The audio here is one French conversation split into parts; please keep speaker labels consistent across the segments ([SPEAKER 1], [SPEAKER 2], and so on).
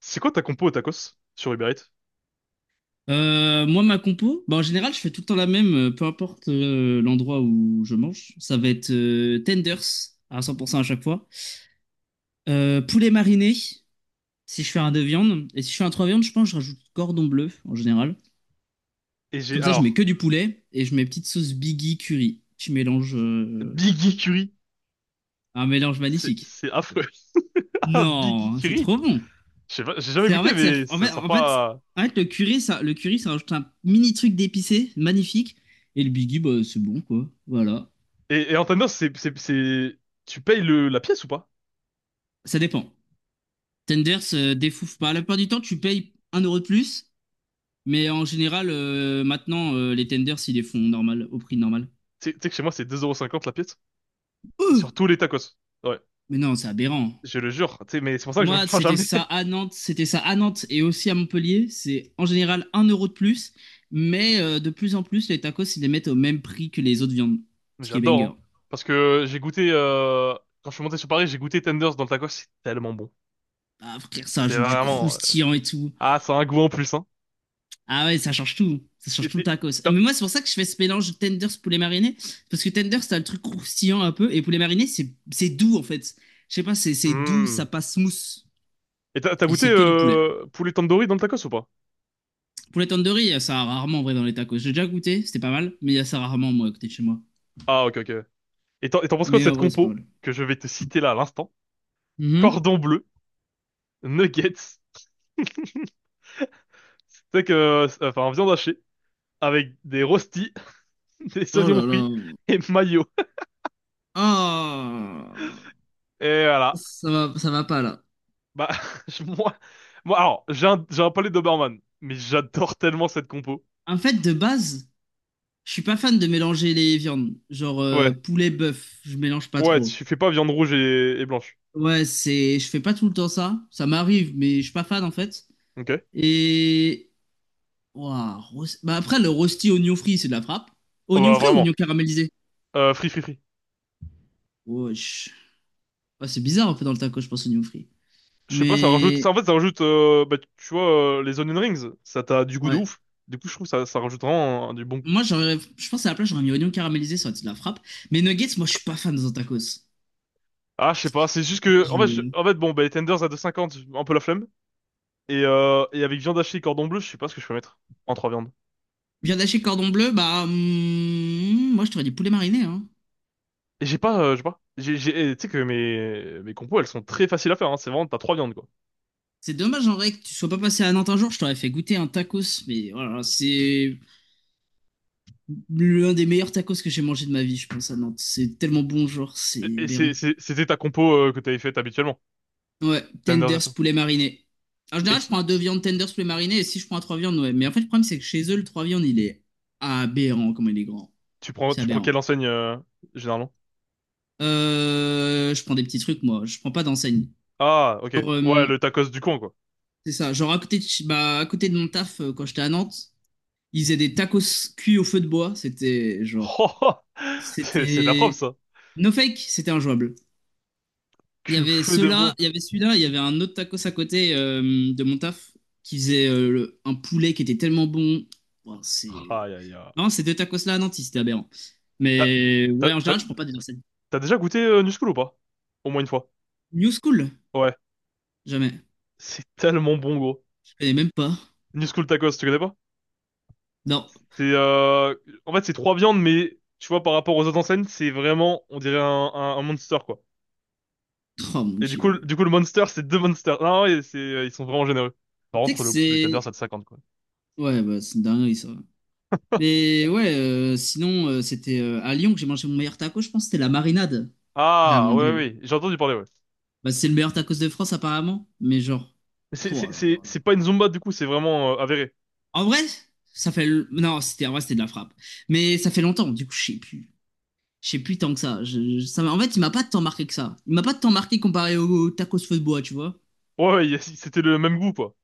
[SPEAKER 1] C'est quoi ta compo au tacos sur Uber Eats?
[SPEAKER 2] Moi, ma compo, bah, en général, je fais tout le temps la même, peu importe l'endroit où je mange. Ça va être tenders à 100% à chaque fois. Poulet mariné, si je fais un deux viandes. Et si je fais un trois viandes, je pense que je rajoute cordon bleu en général.
[SPEAKER 1] Et j'ai
[SPEAKER 2] Comme ça, je mets
[SPEAKER 1] alors.
[SPEAKER 2] que du poulet et je mets petite sauce Biggie curry. Tu mélanges
[SPEAKER 1] Biggie Curry,
[SPEAKER 2] un mélange
[SPEAKER 1] c'est
[SPEAKER 2] magnifique.
[SPEAKER 1] c'est affreux. Ah Biggie
[SPEAKER 2] Non, c'est
[SPEAKER 1] Curry,
[SPEAKER 2] trop bon.
[SPEAKER 1] je sais pas, j'ai jamais
[SPEAKER 2] C'est en
[SPEAKER 1] goûté
[SPEAKER 2] fait, ça-
[SPEAKER 1] mais
[SPEAKER 2] en
[SPEAKER 1] ça
[SPEAKER 2] fait,
[SPEAKER 1] sent
[SPEAKER 2] en fait,
[SPEAKER 1] pas.
[SPEAKER 2] en fait, le curry, ça rajoute un mini truc d'épicé magnifique. Et le Biggie, bah, c'est bon, quoi. Voilà.
[SPEAKER 1] Et en tendance, c'est tu payes le la pièce ou pas?
[SPEAKER 2] Ça dépend. Tenders défouffe pas. La plupart du temps, tu payes un euro de plus, mais en général, maintenant, les tenders, ils les font normal, au prix normal.
[SPEAKER 1] Tu sais que chez moi c'est 2,50 € la pièce
[SPEAKER 2] Ouh,
[SPEAKER 1] sur tous les tacos. Ouais,
[SPEAKER 2] mais non, c'est aberrant.
[SPEAKER 1] je le jure. Tu sais, mais c'est pour ça que je me
[SPEAKER 2] Moi,
[SPEAKER 1] prends
[SPEAKER 2] c'était
[SPEAKER 1] jamais.
[SPEAKER 2] ça à Nantes, c'était ça à Nantes et aussi à Montpellier. C'est en général un euro de plus, mais de plus en plus, les tacos, ils les mettent au même prix que les autres viandes, ce qui est
[SPEAKER 1] J'adore,
[SPEAKER 2] banger.
[SPEAKER 1] hein. Parce que j'ai goûté, quand je suis monté sur Paris, j'ai goûté Tenders dans le tacos, c'est tellement bon.
[SPEAKER 2] Ah, frère, ça
[SPEAKER 1] C'est
[SPEAKER 2] ajoute du
[SPEAKER 1] vraiment,
[SPEAKER 2] croustillant et tout.
[SPEAKER 1] ah, ça a un goût en plus, hein.
[SPEAKER 2] Ah ouais, ça change tout. Ça change
[SPEAKER 1] Et
[SPEAKER 2] tout le
[SPEAKER 1] t'es-
[SPEAKER 2] tacos.
[SPEAKER 1] t'as,
[SPEAKER 2] Mais moi, c'est pour ça que je fais ce mélange de tenders poulet mariné. Parce que tenders, t'as le truc croustillant un peu. Et poulet mariné, c'est doux en fait. Je sais pas, c'est doux,
[SPEAKER 1] Hmm.
[SPEAKER 2] ça passe smooth.
[SPEAKER 1] Et t'as
[SPEAKER 2] Et
[SPEAKER 1] goûté,
[SPEAKER 2] c'est que du poulet.
[SPEAKER 1] poulet tandoori dans le tacos ou pas?
[SPEAKER 2] Poulet tandoori, ça a rarement en vrai dans les tacos. J'ai déjà goûté, c'était pas mal. Mais il y a ça rarement moi à côté de chez moi.
[SPEAKER 1] Ah, ok, ok. Et t'en penses quoi de
[SPEAKER 2] Mais en
[SPEAKER 1] cette
[SPEAKER 2] vrai, c'est pas
[SPEAKER 1] compo
[SPEAKER 2] mal.
[SPEAKER 1] que je vais te citer là à l'instant?
[SPEAKER 2] Mhm.
[SPEAKER 1] Cordon bleu, nuggets, c'est que, enfin, viande hachée, avec des rostis, des
[SPEAKER 2] Oh
[SPEAKER 1] oignons
[SPEAKER 2] là
[SPEAKER 1] frits
[SPEAKER 2] là.
[SPEAKER 1] et mayo.
[SPEAKER 2] Ah.
[SPEAKER 1] Et voilà.
[SPEAKER 2] Ça va pas là.
[SPEAKER 1] Bah, je- moi, moi, alors, j'ai un palais Doberman, mais j'adore tellement cette compo.
[SPEAKER 2] En fait, de base, je suis pas fan de mélanger les viandes. Genre
[SPEAKER 1] Ouais,
[SPEAKER 2] poulet bœuf, je mélange pas
[SPEAKER 1] ouais,
[SPEAKER 2] trop.
[SPEAKER 1] tu fais pas viande rouge et blanche.
[SPEAKER 2] Ouais, c'est, je fais pas tout le temps ça. Ça m'arrive, mais je suis pas fan en fait.
[SPEAKER 1] Ok.
[SPEAKER 2] Et Ouah, bah après le rosti oignon frit, c'est de la frappe.
[SPEAKER 1] Oh,
[SPEAKER 2] Oignon
[SPEAKER 1] bah,
[SPEAKER 2] frit ou
[SPEAKER 1] vraiment.
[SPEAKER 2] oignon caramélisé?
[SPEAKER 1] Free, free, free.
[SPEAKER 2] Wesh. Ouais, c'est bizarre en fait dans le taco, je pense oignon frit.
[SPEAKER 1] Je sais pas, ça rajoute, ça,
[SPEAKER 2] Mais
[SPEAKER 1] en fait, ça rajoute, bah, tu vois, les onion rings, ça t'a du goût de
[SPEAKER 2] ouais,
[SPEAKER 1] ouf. Du coup, je trouve ça, ça rajoute vraiment du bon goût.
[SPEAKER 2] je pense à la place j'aurais mis oignon caramélisé, ça aurait été de la frappe. Mais nuggets, moi je suis pas fan dans un tacos.
[SPEAKER 1] Ah, je sais pas, c'est juste que, en fait,
[SPEAKER 2] Je...
[SPEAKER 1] en fait, bon, bah, les tenders à 2,50 un peu la flemme. Et avec viande hachée et cordon bleu, je sais pas ce que je peux mettre en trois viandes.
[SPEAKER 2] Viande hachée cordon bleu, bah hmm, moi je t'aurais dit poulet mariné. Hein.
[SPEAKER 1] Et j'ai pas, je sais pas. Tu sais que mes compos, elles sont très faciles à faire, hein. C'est vraiment, t'as trois viandes, quoi.
[SPEAKER 2] C'est dommage en vrai que tu sois pas passé à Nantes un jour, je t'aurais fait goûter un tacos, mais voilà, c'est l'un des meilleurs tacos que j'ai mangé de ma vie, je pense, à Nantes. C'est tellement bon, genre, c'est
[SPEAKER 1] Et
[SPEAKER 2] aberrant.
[SPEAKER 1] c'était ta compo que t'avais faite habituellement.
[SPEAKER 2] Ouais,
[SPEAKER 1] Tenders et
[SPEAKER 2] tenders
[SPEAKER 1] tout.
[SPEAKER 2] poulet mariné. En
[SPEAKER 1] Et
[SPEAKER 2] général, je
[SPEAKER 1] tu,
[SPEAKER 2] prends un deux viandes tenders poulet mariné et si je prends un trois viandes, ouais. Mais en fait, le problème, c'est que chez eux, le trois viandes, il est aberrant, comme il est grand.
[SPEAKER 1] tu prends,
[SPEAKER 2] C'est
[SPEAKER 1] tu prends quelle
[SPEAKER 2] aberrant.
[SPEAKER 1] enseigne généralement?
[SPEAKER 2] Je prends des petits trucs, moi. Je prends pas d'enseigne.
[SPEAKER 1] Ah, ok.
[SPEAKER 2] Genre,
[SPEAKER 1] Ouais,
[SPEAKER 2] euh,
[SPEAKER 1] le tacos du coin, quoi.
[SPEAKER 2] c'est ça. Genre, à côté de, bah, à côté de mon taf, quand j'étais à Nantes, ils faisaient des tacos cuits au feu de bois. C'était, genre,
[SPEAKER 1] Oh, c'est de la frappe,
[SPEAKER 2] c'était...
[SPEAKER 1] ça.
[SPEAKER 2] No fake, c'était injouable. Il y
[SPEAKER 1] Que
[SPEAKER 2] avait
[SPEAKER 1] feu de
[SPEAKER 2] ceux-là,
[SPEAKER 1] bois.
[SPEAKER 2] il y avait celui-là, il y avait un autre tacos à côté de mon taf qui faisait un poulet qui était tellement bon. Ouah, c'est...
[SPEAKER 1] Aïe, aïe, aïe.
[SPEAKER 2] Non, ces deux tacos-là à Nantes, c'était aberrant.
[SPEAKER 1] T'as,
[SPEAKER 2] Mais
[SPEAKER 1] t'as,
[SPEAKER 2] ouais, en
[SPEAKER 1] t'as-
[SPEAKER 2] général, je prends pas des recettes.
[SPEAKER 1] t'as déjà goûté New School ou pas? Au moins une fois.
[SPEAKER 2] New School,
[SPEAKER 1] Ouais.
[SPEAKER 2] jamais.
[SPEAKER 1] C'est tellement bon, gros.
[SPEAKER 2] Je connais même pas.
[SPEAKER 1] New School tacos, tu connais pas?
[SPEAKER 2] Non.
[SPEAKER 1] C'est, en fait, c'est trois viandes, mais tu vois, par rapport aux autres enseignes, c'est vraiment, on dirait un monster, quoi.
[SPEAKER 2] Oh mon
[SPEAKER 1] Et du coup,
[SPEAKER 2] Dieu.
[SPEAKER 1] du coup, le monster, c'est deux monsters. Non, ouais, c'est, ils sont vraiment généreux. Par
[SPEAKER 2] Tu sais que
[SPEAKER 1] contre, les
[SPEAKER 2] c'est...
[SPEAKER 1] tenders, ça de cinquante, quoi.
[SPEAKER 2] Ouais, bah, c'est une dinguerie, ça. Mais ouais, sinon, c'était à Lyon que j'ai mangé mon meilleur taco, je pense, c'était la marinade. Ah
[SPEAKER 1] Ah,
[SPEAKER 2] mon
[SPEAKER 1] ouais, ouais,
[SPEAKER 2] Dieu.
[SPEAKER 1] ouais. J'ai entendu parler, ouais.
[SPEAKER 2] Bah, c'est le meilleur tacos de France, apparemment. Mais genre...
[SPEAKER 1] Mais C'est,
[SPEAKER 2] Oh
[SPEAKER 1] c'est,
[SPEAKER 2] là là
[SPEAKER 1] c'est,
[SPEAKER 2] là.
[SPEAKER 1] c'est pas une Zumba, du coup, c'est vraiment avéré.
[SPEAKER 2] En vrai, Non, c'était en vrai, c'était de la frappe. Mais ça fait longtemps, du coup, je sais plus. Je sais plus tant que ça. En fait, il m'a pas tant marqué que ça. Il m'a pas tant marqué comparé au tacos feu de bois, tu vois.
[SPEAKER 1] Ouais, ouais, c'était le même goût, quoi.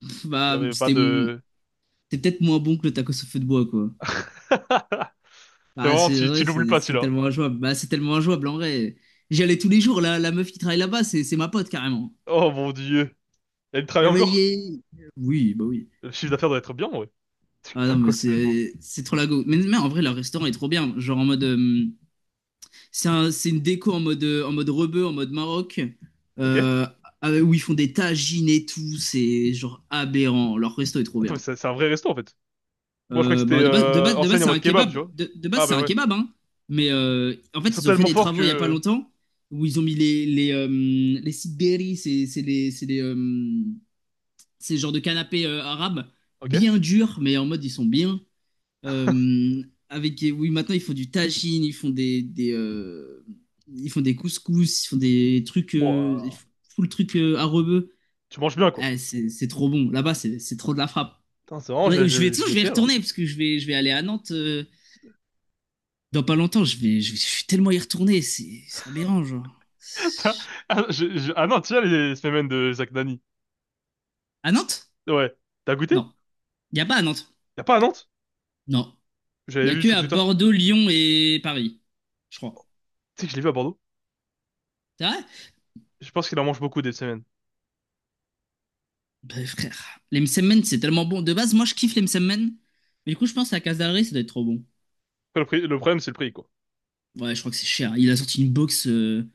[SPEAKER 2] Pff,
[SPEAKER 1] Il y
[SPEAKER 2] bah,
[SPEAKER 1] avait pas de...
[SPEAKER 2] c'était peut-être moins bon que le tacos au feu de bois, quoi.
[SPEAKER 1] C'est
[SPEAKER 2] Bah,
[SPEAKER 1] vraiment,
[SPEAKER 2] c'est
[SPEAKER 1] tu
[SPEAKER 2] vrai,
[SPEAKER 1] l'oublies
[SPEAKER 2] c'est
[SPEAKER 1] pas,
[SPEAKER 2] c'est
[SPEAKER 1] celui-là.
[SPEAKER 2] tellement injouable. Bah, c'est tellement injouable, en vrai. J'y allais tous les jours. La meuf qui travaille là-bas, c'est ma pote, carrément.
[SPEAKER 1] Oh, mon Dieu. Elle travaille
[SPEAKER 2] Elle m'a
[SPEAKER 1] encore?
[SPEAKER 2] dit, oui, bah oui.
[SPEAKER 1] Le chiffre d'affaires doit être bien, ouais.
[SPEAKER 2] Ah
[SPEAKER 1] Putain,
[SPEAKER 2] non, mais
[SPEAKER 1] quoi, ça beau.
[SPEAKER 2] c'est trop la go. Mais en vrai, leur restaurant est trop bien. Genre en mode. C'est c'est une déco en mode rebeu, en mode Maroc,
[SPEAKER 1] Ok. Attends,
[SPEAKER 2] euh, avec- où ils font des tagines et tout. C'est genre aberrant. Leur resto est trop bien.
[SPEAKER 1] mais c'est un vrai resto, en fait. Moi, je croyais que c'était
[SPEAKER 2] Bah, de base,
[SPEAKER 1] enseigne en
[SPEAKER 2] c'est un
[SPEAKER 1] mode kebab, tu
[SPEAKER 2] kebab.
[SPEAKER 1] vois.
[SPEAKER 2] De base,
[SPEAKER 1] Ah,
[SPEAKER 2] c'est
[SPEAKER 1] bah
[SPEAKER 2] un
[SPEAKER 1] ouais.
[SPEAKER 2] kebab, hein. Mais en fait,
[SPEAKER 1] Ils sont
[SPEAKER 2] ils ont fait
[SPEAKER 1] tellement
[SPEAKER 2] des
[SPEAKER 1] forts que...
[SPEAKER 2] travaux il n'y a pas longtemps où ils ont mis les sidberi, c'est les, ces genres de canapés arabes
[SPEAKER 1] Ok.
[SPEAKER 2] bien durs, mais en mode ils sont bien. Euh, oui, maintenant, ils font du tagine, ils font ils font des couscous, ils font des trucs, ils
[SPEAKER 1] Ouah.
[SPEAKER 2] font tout le truc à rebeu.
[SPEAKER 1] Tu manges bien, quoi.
[SPEAKER 2] Ah, c'est trop bon. Là-bas, c'est trop de la frappe.
[SPEAKER 1] Putain, c'est vraiment, je,
[SPEAKER 2] Ouais, je vais, de
[SPEAKER 1] je,
[SPEAKER 2] toute
[SPEAKER 1] je
[SPEAKER 2] façon,
[SPEAKER 1] vais
[SPEAKER 2] je vais y
[SPEAKER 1] essayer alors.
[SPEAKER 2] retourner parce que je vais aller à Nantes dans pas longtemps. Je vais tellement y retourner. C'est aberrant, genre.
[SPEAKER 1] Ah, ah non, tu as les semaines de Zach Nani.
[SPEAKER 2] À Nantes?
[SPEAKER 1] Ouais. T'as goûté?
[SPEAKER 2] Non. Il n'y a pas à Nantes.
[SPEAKER 1] Y a pas à Nantes?
[SPEAKER 2] Non. Il n'y
[SPEAKER 1] J'avais
[SPEAKER 2] a
[SPEAKER 1] vu
[SPEAKER 2] que
[SPEAKER 1] sur
[SPEAKER 2] à
[SPEAKER 1] Twitter.
[SPEAKER 2] Bordeaux, Lyon et Paris. Je crois.
[SPEAKER 1] Tu sais que je l'ai vu à Bordeaux.
[SPEAKER 2] C'est vrai?
[SPEAKER 1] Je pense qu'il en mange beaucoup, des semaines.
[SPEAKER 2] Ben, frère, les msemen, c'est tellement bon. De base, moi, je kiffe les msemen. Mais du coup, je pense à Casare, ça doit être trop bon.
[SPEAKER 1] Après, le problème, c'est le prix, quoi.
[SPEAKER 2] Ouais, je crois que c'est cher. Il a sorti une box,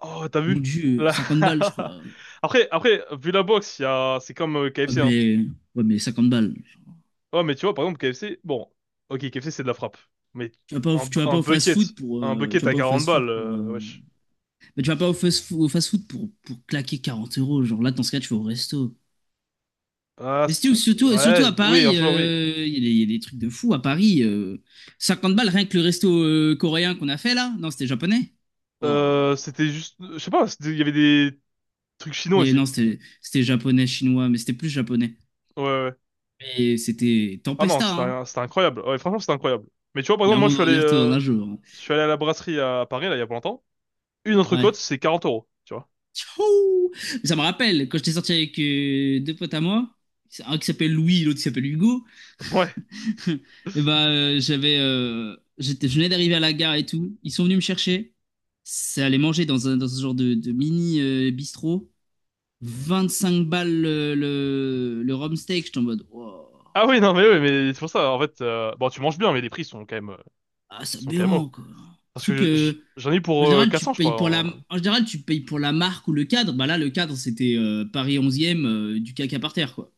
[SPEAKER 1] Oh, t'as
[SPEAKER 2] mon
[SPEAKER 1] vu?
[SPEAKER 2] dieu,
[SPEAKER 1] Là...
[SPEAKER 2] 50 balles, je crois.
[SPEAKER 1] Après, vu la boxe, il y a... c'est comme
[SPEAKER 2] Ouais,
[SPEAKER 1] KFC, hein.
[SPEAKER 2] mais, ouais, mais 50 balles. Genre,
[SPEAKER 1] Ouais, mais tu vois, par exemple, KFC, bon. Ok, KFC, c'est de la frappe. Mais
[SPEAKER 2] Tu vas pas au,
[SPEAKER 1] un,
[SPEAKER 2] tu
[SPEAKER 1] bu-
[SPEAKER 2] vas
[SPEAKER 1] un
[SPEAKER 2] pas au
[SPEAKER 1] bucket,
[SPEAKER 2] fast-food pour,
[SPEAKER 1] un
[SPEAKER 2] tu
[SPEAKER 1] bucket
[SPEAKER 2] vas
[SPEAKER 1] à
[SPEAKER 2] pas au
[SPEAKER 1] 40
[SPEAKER 2] fast-food
[SPEAKER 1] balles,
[SPEAKER 2] pour,
[SPEAKER 1] wesh.
[SPEAKER 2] mais tu vas pas au fast-food, au fast-food pour claquer 40 euros. Genre là, dans ce cas, tu vas au resto.
[SPEAKER 1] Ah,
[SPEAKER 2] Mais
[SPEAKER 1] ça...
[SPEAKER 2] surtout
[SPEAKER 1] ouais,
[SPEAKER 2] à
[SPEAKER 1] oui, en
[SPEAKER 2] Paris,
[SPEAKER 1] soi, oui.
[SPEAKER 2] il y a des trucs de fou à Paris. Euh, 50 balles, rien que le resto coréen qu'on a fait là. Non, c'était japonais. Oh.
[SPEAKER 1] C'était juste, je sais pas, il y avait des truc chinois
[SPEAKER 2] Et
[SPEAKER 1] aussi.
[SPEAKER 2] non, c'était japonais, chinois, mais c'était plus japonais.
[SPEAKER 1] Ouais, ouais.
[SPEAKER 2] Et c'était
[SPEAKER 1] Ah non,
[SPEAKER 2] Tempesta, hein.
[SPEAKER 1] c'était incroyable. Ouais, franchement, c'était incroyable. Mais tu vois, par
[SPEAKER 2] Il y a
[SPEAKER 1] exemple,
[SPEAKER 2] un
[SPEAKER 1] moi,
[SPEAKER 2] monde où on y retourne un jour.
[SPEAKER 1] je suis allé à la brasserie à Paris, là, il y a pas longtemps. Une
[SPEAKER 2] Hein.
[SPEAKER 1] entrecôte,
[SPEAKER 2] Ouais.
[SPEAKER 1] c'est 40 euros, tu vois.
[SPEAKER 2] Tchou. Mais ça me rappelle, quand j'étais sorti avec deux potes à moi, un qui s'appelle Louis, l'autre qui s'appelle Hugo,
[SPEAKER 1] Ouais.
[SPEAKER 2] et ben je venais d'arriver à la gare et tout. Ils sont venus me chercher. Ça allait manger dans un dans ce genre de mini bistrot. 5 balles le rhum steak. J'étais en mode, wow,
[SPEAKER 1] Ah oui, non, mais oui, mais c'est pour ça, en fait, bon, tu manges bien, mais les prix
[SPEAKER 2] ah, c'est
[SPEAKER 1] sont quand même hauts.
[SPEAKER 2] aberrant, quoi.
[SPEAKER 1] Parce que
[SPEAKER 2] Surtout que
[SPEAKER 1] j'en ai eu
[SPEAKER 2] En
[SPEAKER 1] pour
[SPEAKER 2] général, tu
[SPEAKER 1] 400, je
[SPEAKER 2] payes pour la,
[SPEAKER 1] crois, hein.
[SPEAKER 2] en général, tu payes pour la marque ou le cadre. Bah là, le cadre, c'était Paris 11e, du caca par terre, quoi.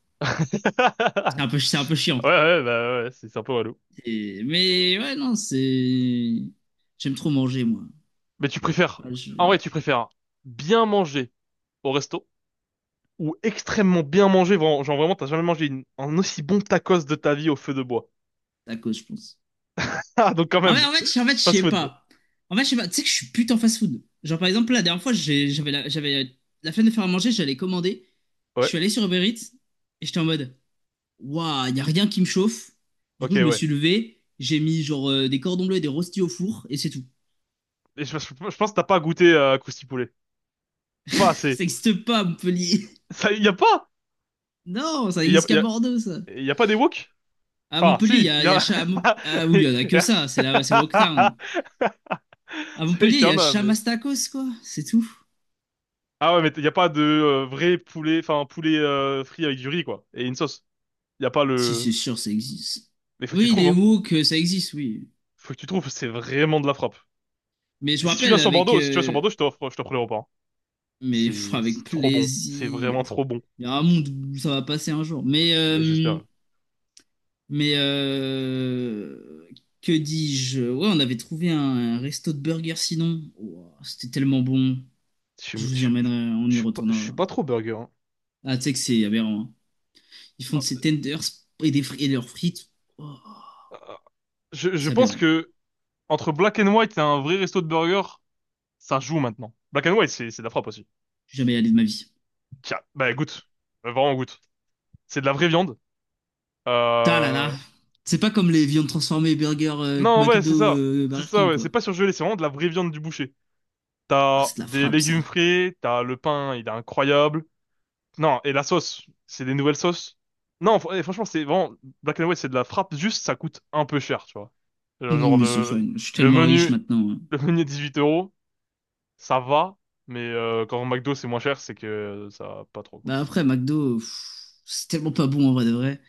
[SPEAKER 2] C'est un peu chiant.
[SPEAKER 1] Ouais, ouais, bah ouais, c'est un peu relou.
[SPEAKER 2] Mais ouais, non, c'est. J'aime trop manger, moi.
[SPEAKER 1] Mais tu préfères,
[SPEAKER 2] Ouais,
[SPEAKER 1] en vrai,
[SPEAKER 2] je-
[SPEAKER 1] tu préfères bien manger au resto ou extrêmement bien mangé. Vraiment, genre vraiment, t'as jamais mangé un aussi bon tacos de ta vie au feu de bois.
[SPEAKER 2] C'est à cause, je pense.
[SPEAKER 1] Ah, donc quand même,
[SPEAKER 2] Je
[SPEAKER 1] fast
[SPEAKER 2] sais
[SPEAKER 1] food.
[SPEAKER 2] pas. En fait, je sais pas. Tu sais que je suis putain fast-food. Genre, par exemple, la dernière fois, j'avais la flemme de faire à manger, j'allais commander. Je
[SPEAKER 1] Ouais,
[SPEAKER 2] suis allé sur Uber Eats et j'étais en mode, waouh, y a rien qui me chauffe. Du
[SPEAKER 1] ok,
[SPEAKER 2] coup, je me
[SPEAKER 1] ouais.
[SPEAKER 2] suis levé, j'ai mis genre des cordons bleus et des rostis au four et c'est tout.
[SPEAKER 1] Et pense que t'as pas goûté à Krusty Poulet. Pas
[SPEAKER 2] Ça
[SPEAKER 1] assez.
[SPEAKER 2] n'existe pas à Montpellier.
[SPEAKER 1] Ça, y a pas.
[SPEAKER 2] Non, ça
[SPEAKER 1] Et
[SPEAKER 2] n'existe qu'à Bordeaux, ça.
[SPEAKER 1] y a pas des wok?
[SPEAKER 2] À
[SPEAKER 1] Enfin,
[SPEAKER 2] Montpellier,
[SPEAKER 1] si. Y
[SPEAKER 2] il y a
[SPEAKER 1] a...
[SPEAKER 2] Ah oui, il y en a
[SPEAKER 1] y
[SPEAKER 2] que
[SPEAKER 1] a-
[SPEAKER 2] ça, c'est là, c'est Walktown. À
[SPEAKER 1] C'est vrai
[SPEAKER 2] Montpellier, il
[SPEAKER 1] qu'il y
[SPEAKER 2] y
[SPEAKER 1] en
[SPEAKER 2] a
[SPEAKER 1] a, mais.
[SPEAKER 2] Chamastacos, quoi, c'est tout.
[SPEAKER 1] Ah ouais, mais y a pas de vrai poulet, enfin, poulet frit avec du riz, quoi. Et une sauce. Y a pas
[SPEAKER 2] Si,
[SPEAKER 1] le.
[SPEAKER 2] c'est sûr, ça existe.
[SPEAKER 1] Mais faut que tu
[SPEAKER 2] Oui,
[SPEAKER 1] trouves,
[SPEAKER 2] les
[SPEAKER 1] hein.
[SPEAKER 2] wok, ça existe, oui.
[SPEAKER 1] Faut que tu trouves, c'est vraiment de la frappe.
[SPEAKER 2] Mais je me
[SPEAKER 1] Si tu viens
[SPEAKER 2] rappelle
[SPEAKER 1] sur
[SPEAKER 2] avec.
[SPEAKER 1] Bordeaux, si tu viens sur Bordeaux, je t'offre l'aéroport.
[SPEAKER 2] Mais
[SPEAKER 1] C'est,
[SPEAKER 2] pff, avec
[SPEAKER 1] c'est trop bon. C'est
[SPEAKER 2] plaisir.
[SPEAKER 1] vraiment trop bon.
[SPEAKER 2] Il y a un monde où ça va passer un jour.
[SPEAKER 1] Mais j'espère.
[SPEAKER 2] Mais. euh, Que dis-je? Ouais, on avait trouvé un resto de burgers sinon. Ouah, c'était tellement bon.
[SPEAKER 1] Je suis,
[SPEAKER 2] Je
[SPEAKER 1] je
[SPEAKER 2] vous y
[SPEAKER 1] suis,
[SPEAKER 2] emmènerai, on
[SPEAKER 1] je
[SPEAKER 2] y
[SPEAKER 1] suis pas, je suis
[SPEAKER 2] retournera.
[SPEAKER 1] pas trop burger, hein.
[SPEAKER 2] Ah, tu sais que c'est aberrant. Hein. Ils font de
[SPEAKER 1] Ah,
[SPEAKER 2] ces tenders et, et leurs frites. Oh,
[SPEAKER 1] ah, je
[SPEAKER 2] c'est
[SPEAKER 1] pense
[SPEAKER 2] aberrant.
[SPEAKER 1] que entre Black and White et un vrai resto de burger, ça joue maintenant. Black and White, c'est de la frappe aussi.
[SPEAKER 2] Je suis jamais allé de ma vie.
[SPEAKER 1] Tiens, bah goûte. Vraiment goûte. C'est de la vraie viande.
[SPEAKER 2] Ta là là.
[SPEAKER 1] Euh...
[SPEAKER 2] C'est pas comme les viandes transformées burger
[SPEAKER 1] Non, ouais, c'est
[SPEAKER 2] McDo
[SPEAKER 1] ça. C'est
[SPEAKER 2] Burger
[SPEAKER 1] ça,
[SPEAKER 2] King,
[SPEAKER 1] ouais. C'est
[SPEAKER 2] quoi.
[SPEAKER 1] pas surgelé, c'est vraiment de la vraie viande du boucher.
[SPEAKER 2] Ah,
[SPEAKER 1] T'as
[SPEAKER 2] c'est de la
[SPEAKER 1] des
[SPEAKER 2] frappe, ça.
[SPEAKER 1] légumes frais, t'as le pain, il est incroyable. Non, et la sauce, c'est des nouvelles sauces. Non, franchement, c'est vraiment Black and White, c'est de la frappe. Juste, ça coûte un peu cher, tu vois.
[SPEAKER 2] Oui,
[SPEAKER 1] Genre
[SPEAKER 2] mais c'est fun. Je suis
[SPEAKER 1] le
[SPEAKER 2] tellement riche
[SPEAKER 1] menu,
[SPEAKER 2] maintenant. Hein.
[SPEAKER 1] le menu est 18 euros, ça va. Mais quand au McDo c'est moins cher, c'est que ça va pas trop.
[SPEAKER 2] Bah après, McDo, pff, c'est tellement pas bon en vrai de vrai.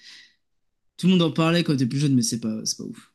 [SPEAKER 2] Tout le monde en parlait quand t'es plus jeune, mais c'est pas ouf.